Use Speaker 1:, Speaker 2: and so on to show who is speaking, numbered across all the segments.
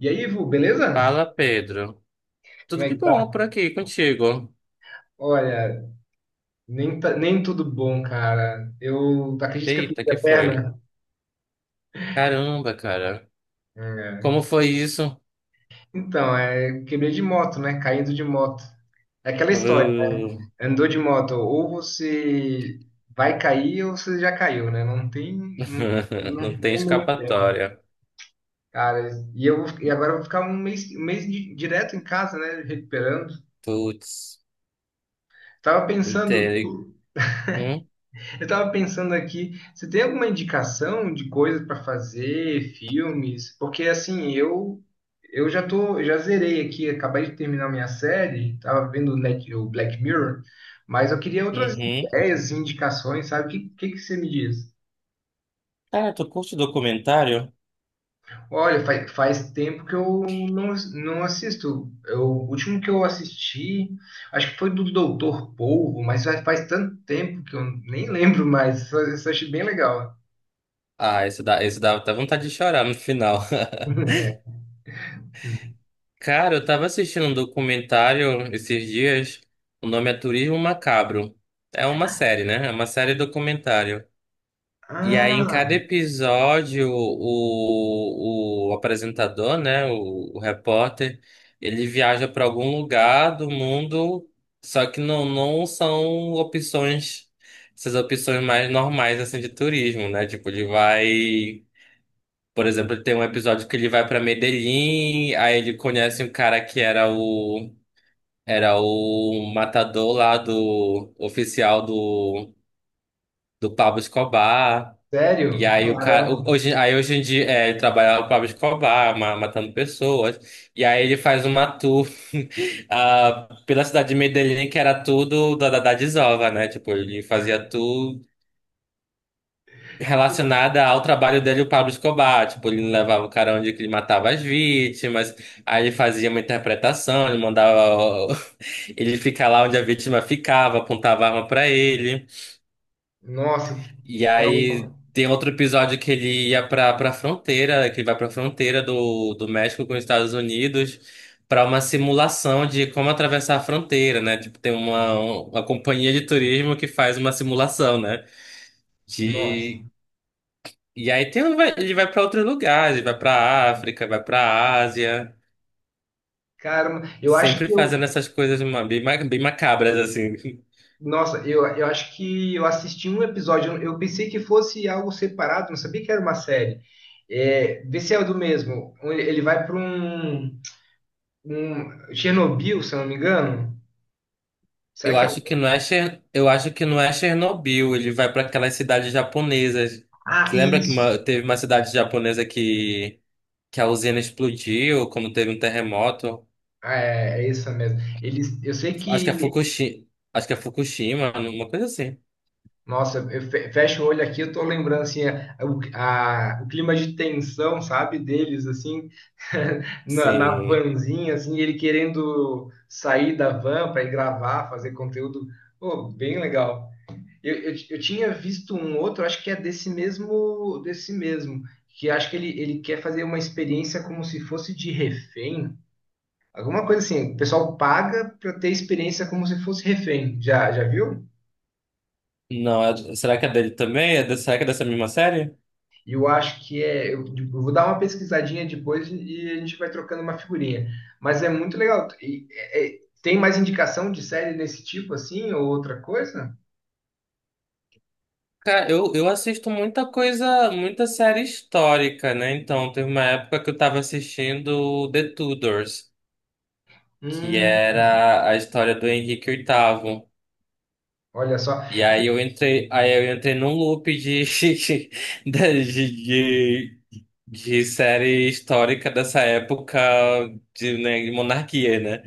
Speaker 1: E aí, Ivo, beleza?
Speaker 2: Fala, Pedro.
Speaker 1: Como
Speaker 2: Tudo
Speaker 1: é
Speaker 2: de
Speaker 1: que tá?
Speaker 2: bom por aqui contigo?
Speaker 1: Olha, nem tudo bom, cara. Eu acredito que eu
Speaker 2: Eita,
Speaker 1: quebrei
Speaker 2: que
Speaker 1: a
Speaker 2: foi?
Speaker 1: perna.
Speaker 2: Caramba, cara. Como
Speaker 1: É.
Speaker 2: foi isso?
Speaker 1: Então, é, quebrei de moto, né? Caindo de moto. É aquela história.
Speaker 2: Uh,
Speaker 1: Andou de moto, ou você vai cair ou você já caiu, né? Não,
Speaker 2: Não
Speaker 1: não
Speaker 2: tem
Speaker 1: tem meio tempo.
Speaker 2: escapatória.
Speaker 1: Cara, e agora eu vou ficar um mês direto em casa, né? Recuperando.
Speaker 2: Putz,
Speaker 1: Tava pensando.
Speaker 2: entendo. Hum?
Speaker 1: Eu estava pensando aqui, você tem alguma indicação de coisas para fazer, filmes? Porque assim, eu já tô, já zerei aqui, acabei de terminar minha série, tava vendo o o Black Mirror, mas eu queria outras
Speaker 2: Uhum.
Speaker 1: ideias, indicações, sabe? O que, que você me diz?
Speaker 2: Cara, tu curte documentário?
Speaker 1: Olha, faz tempo que eu não, não assisto. Eu, o último que eu assisti, acho que foi do Doutor Polvo, mas faz tanto tempo que eu nem lembro mais. Isso eu achei bem legal.
Speaker 2: Ah, esse dá até vontade de chorar no final. Cara, eu tava assistindo um documentário esses dias. O nome é Turismo Macabro. É uma série, né? É uma série documentário. E aí, em cada
Speaker 1: Ah.
Speaker 2: episódio, o apresentador, né, o repórter, ele viaja para algum lugar do mundo, só que não são opções, essas opções mais normais, assim, de turismo, né? Tipo, ele vai, por exemplo, tem um episódio que ele vai para Medellín, aí ele conhece um cara que era o, era o matador lá do, oficial do, do Pablo Escobar. E
Speaker 1: Sério?
Speaker 2: aí o cara,
Speaker 1: Caramba.
Speaker 2: hoje, aí hoje em dia é, ele trabalha o Pablo Escobar, matando pessoas. E aí ele faz uma tour pela cidade de Medellín, que era tudo da, da desova, né? Tipo, ele fazia tour relacionada ao trabalho dele, o Pablo Escobar. Tipo, ele levava o cara onde que ele matava as vítimas. Aí ele fazia uma interpretação, ele mandava o- ele ficar lá onde a vítima ficava, apontava a arma pra ele.
Speaker 1: Nossa, que-
Speaker 2: E
Speaker 1: é o.
Speaker 2: aí tem outro episódio que ele ia pra, pra fronteira, que ele vai pra fronteira do, do México com os Estados Unidos pra uma simulação de como atravessar a fronteira, né? Tipo, tem uma companhia de turismo que faz uma simulação, né?
Speaker 1: Nossa.
Speaker 2: De, e aí tem, ele vai pra outros lugares, ele vai pra África, vai pra Ásia,
Speaker 1: Caramba, eu acho
Speaker 2: sempre
Speaker 1: que eu.
Speaker 2: fazendo essas coisas bem, bem macabras, assim.
Speaker 1: Nossa, eu acho que eu assisti um episódio. Eu pensei que fosse algo separado, não sabia que era uma série. É, vê se é o do mesmo. Ele vai para um, um. Chernobyl, se eu não me engano. Será
Speaker 2: Eu
Speaker 1: que é o.
Speaker 2: acho que não é eu acho que não é Chernobyl, ele vai para aquelas cidades japonesas.
Speaker 1: Ah,
Speaker 2: Você lembra que
Speaker 1: isso.
Speaker 2: teve uma cidade japonesa que a usina explodiu, como teve um terremoto?
Speaker 1: Ah, é, é isso mesmo. Eles, eu sei
Speaker 2: Acho que é
Speaker 1: que.
Speaker 2: Fukushima, acho que é Fukushima, uma coisa assim.
Speaker 1: Nossa, eu fecho o olho aqui, eu tô lembrando assim, o clima de tensão, sabe, deles assim, na
Speaker 2: Sim.
Speaker 1: vanzinha, assim, ele querendo sair da van para ir gravar, fazer conteúdo, pô, bem legal. Eu tinha visto um outro, acho que é desse mesmo, que acho que ele quer fazer uma experiência como se fosse de refém, alguma coisa assim. O pessoal paga para ter experiência como se fosse refém. Já, já viu?
Speaker 2: Não, será que é dele também? Será que é dessa mesma série?
Speaker 1: E eu acho que é. Eu vou dar uma pesquisadinha depois e a gente vai trocando uma figurinha. Mas é muito legal. E, tem mais indicação de série desse tipo assim, ou outra coisa?
Speaker 2: Cara, eu assisto muita coisa, muita série histórica, né? Então, teve uma época que eu tava assistindo The Tudors, que
Speaker 1: Hum,
Speaker 2: era a história do Henrique VIII.
Speaker 1: olha só.
Speaker 2: E aí eu entrei num loop de, de, de, de série histórica dessa época de, né, de monarquia, né?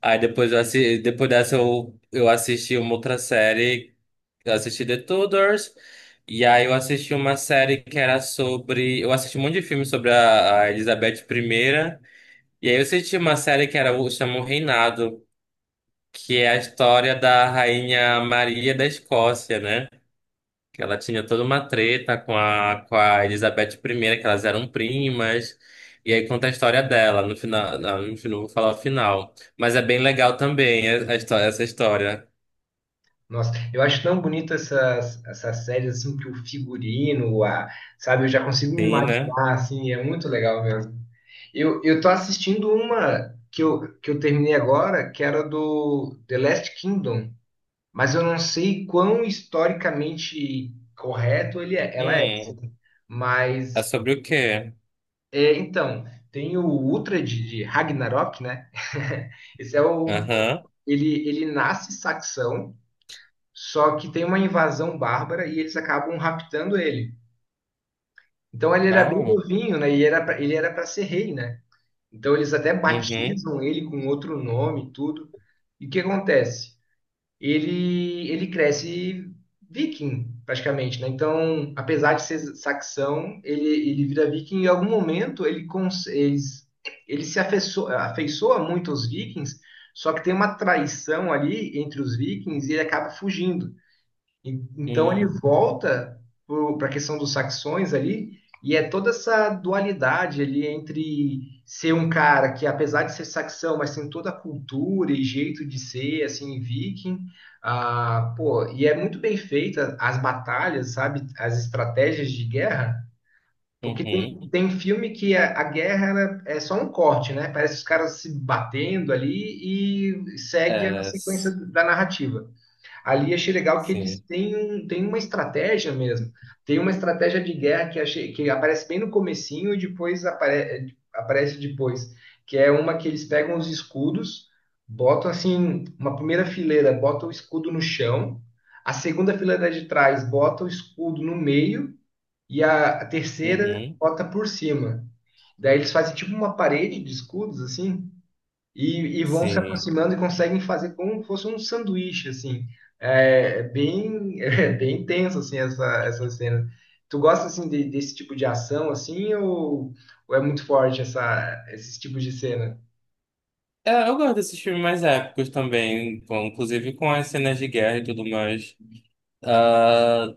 Speaker 2: Aí depois eu assi, depois dessa eu assisti uma outra série, eu assisti The Tudors, e aí eu assisti uma série que era sobre, eu assisti um monte de filme sobre a Elizabeth primeira e aí eu assisti uma série que era o chama O Reinado, que é a história da rainha Maria da Escócia, né? que Ela tinha toda uma treta com a Elizabeth primeira que elas eram primas. E aí conta a história dela. No final, não, enfim, não vou falar o final. Mas é bem legal também a história, essa história.
Speaker 1: Nossa, eu acho tão bonita essas séries assim, que o figurino, a, sabe, eu já consigo me
Speaker 2: Sim, né?
Speaker 1: imaginar, assim, é muito legal mesmo. Eu tô assistindo uma que eu terminei agora, que era do The Last Kingdom. Mas eu não sei quão historicamente correto ela é,
Speaker 2: Hum,
Speaker 1: assim.
Speaker 2: é
Speaker 1: Mas,
Speaker 2: sobre o quê?
Speaker 1: é, então, tem o Ultra de Ragnarok, né? Esse é o...
Speaker 2: Aham.
Speaker 1: Ele nasce saxão, só que tem uma invasão bárbara e eles acabam raptando ele. Então ele era bem
Speaker 2: Ah,
Speaker 1: novinho, né? E era pra, ele era para ser rei, né? Então eles até
Speaker 2: uhum.
Speaker 1: batizam ele com outro nome e tudo. E o que acontece? Ele cresce viking, praticamente, né? Então, apesar de ser saxão, ele vira viking e em algum momento ele se afeiço- afeiçoa muito aos vikings, só que tem uma traição ali entre os vikings e ele acaba fugindo. Então ele
Speaker 2: Hum,
Speaker 1: volta para a questão dos saxões ali, e é toda essa dualidade ali entre ser um cara que, apesar de ser saxão, mas tem toda a cultura e jeito de ser, assim, viking. Ah, pô, e é muito bem feita as batalhas, sabe? As estratégias de guerra. Porque tem,
Speaker 2: uhum.
Speaker 1: tem filme que a guerra ela é só um corte, né? Parece os caras se batendo ali e segue a
Speaker 2: É,
Speaker 1: sequência
Speaker 2: s-
Speaker 1: da narrativa. Ali achei legal que eles
Speaker 2: sim.
Speaker 1: têm, um, têm uma estratégia mesmo. Tem uma estratégia de guerra que, achei, que aparece bem no comecinho e depois aparece depois, que é uma que eles pegam os escudos, botam assim, uma primeira fileira, botam o escudo no chão, a segunda fileira de trás bota o escudo no meio e a terceira
Speaker 2: Uhum.
Speaker 1: bota por cima. Daí eles fazem tipo uma parede de escudos assim, e vão se
Speaker 2: Sim.
Speaker 1: aproximando e conseguem fazer como fosse um sanduíche, assim. É bem, é bem tenso, assim, essa cena. Tu gosta, assim, desse tipo de ação, assim, ou é muito forte esses tipos de cena?
Speaker 2: É, eu gosto desses filmes mais épicos também, inclusive com as cenas de guerra e tudo mais. Ah,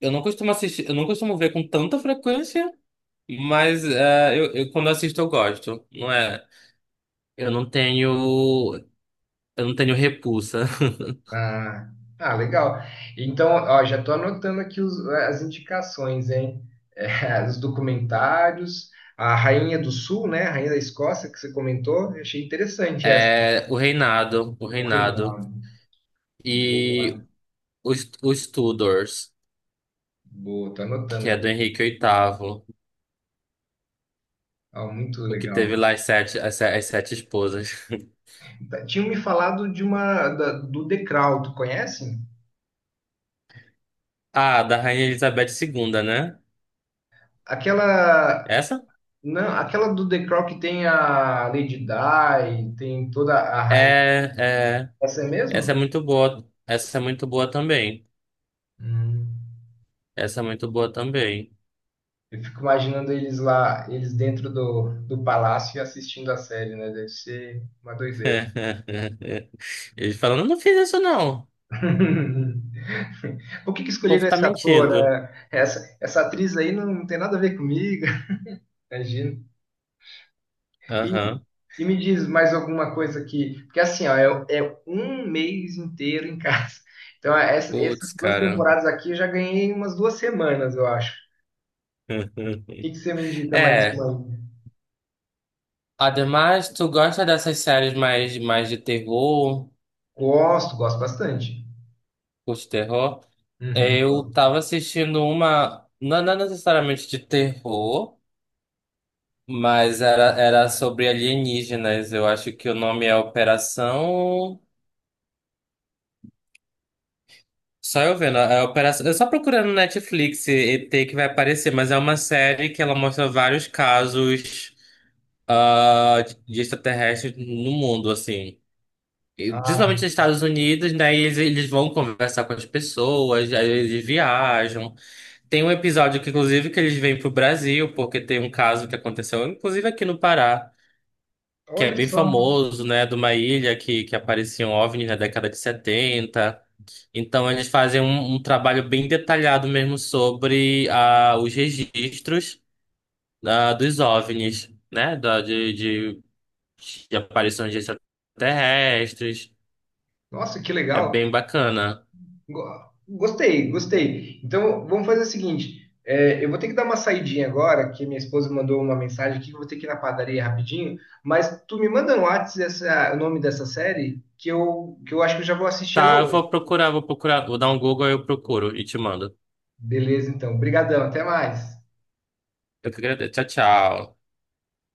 Speaker 2: eu não costumo assistir, eu não costumo ver com tanta frequência, quando assisto eu gosto. Não é? Eu não tenho, eu não tenho repulsa.
Speaker 1: Ah, ah, legal. Então, ó, já tô anotando aqui as indicações, hein? É, os documentários, a Rainha do Sul, né? A Rainha da Escócia, que você comentou, eu achei interessante essa.
Speaker 2: É o
Speaker 1: O
Speaker 2: Reinado
Speaker 1: reinado. Boa,
Speaker 2: e os Tudors,
Speaker 1: boa, tô
Speaker 2: que é
Speaker 1: anotando.
Speaker 2: do Henrique VIII,
Speaker 1: Ah, muito
Speaker 2: o que
Speaker 1: legal.
Speaker 2: teve lá as sete, as, se- as sete esposas.
Speaker 1: Tá. Tinham me falado de uma do The Crown, tu conhece?
Speaker 2: Ah, da Rainha Elizabeth II, né?
Speaker 1: Aquela
Speaker 2: Essa?
Speaker 1: não, aquela do The Crown que tem a Lady Di, tem toda a
Speaker 2: É,
Speaker 1: rainha.
Speaker 2: é,
Speaker 1: Essa é mesmo?
Speaker 2: essa é muito boa. Essa é muito boa também.
Speaker 1: Hum.
Speaker 2: Essa é muito boa também.
Speaker 1: Eu fico imaginando eles lá, eles dentro do, do palácio e assistindo a série, né? Deve ser uma doideira.
Speaker 2: Ele falando eu não fiz isso não. O
Speaker 1: Por que que
Speaker 2: povo
Speaker 1: escolheram
Speaker 2: tá
Speaker 1: esse ator?
Speaker 2: mentindo.
Speaker 1: Né? Essa atriz aí não tem nada a ver comigo. Imagina. E,
Speaker 2: Aham.
Speaker 1: e me diz mais alguma coisa aqui, porque assim, ó, é, é um mês inteiro em casa. Então,
Speaker 2: Putz,
Speaker 1: essas duas
Speaker 2: cara.
Speaker 1: temporadas aqui eu já ganhei umas duas semanas, eu acho. O que que você me indica mais
Speaker 2: É.
Speaker 1: uma aí?
Speaker 2: Ademais, tu gosta dessas séries mais, mais de terror,
Speaker 1: Gosto, gosto bastante.
Speaker 2: curte terror?
Speaker 1: Uhum,
Speaker 2: Eu
Speaker 1: gosto.
Speaker 2: tava assistindo uma, não, não necessariamente de terror, mas era, era sobre alienígenas. Eu acho que o nome é Operação. Só eu vendo a operação. Eu só procurando no Netflix e ET que vai aparecer, mas é uma série que ela mostra vários casos de extraterrestres no mundo, assim. E,
Speaker 1: Ah,
Speaker 2: principalmente nos Estados Unidos, né? E eles vão conversar com as pessoas, aí eles viajam. Tem um episódio que, inclusive, que eles vêm pro Brasil, porque tem um caso que aconteceu, inclusive aqui no Pará, que é
Speaker 1: olha
Speaker 2: bem
Speaker 1: só.
Speaker 2: famoso, né? De uma ilha que apareciam OVNIs na década de 70. Então, eles fazem um, um trabalho bem detalhado mesmo sobre os registros dos OVNIs, né? De aparições de extraterrestres.
Speaker 1: Nossa, que
Speaker 2: É
Speaker 1: legal.
Speaker 2: bem bacana.
Speaker 1: Go- Gostei, gostei. Então, vamos fazer o seguinte: é, eu vou ter que dar uma saidinha agora, que minha esposa mandou uma mensagem aqui, que eu vou ter que ir na padaria rapidinho, mas tu me manda no Whats o nome dessa série, que que eu acho que eu já vou assistir ela
Speaker 2: Tá, eu
Speaker 1: hoje.
Speaker 2: vou procurar, vou procurar, vou dar um Google e eu procuro e te mando.
Speaker 1: Beleza, então. Obrigadão, até mais.
Speaker 2: Eu que agradeço. Tchau, tchau.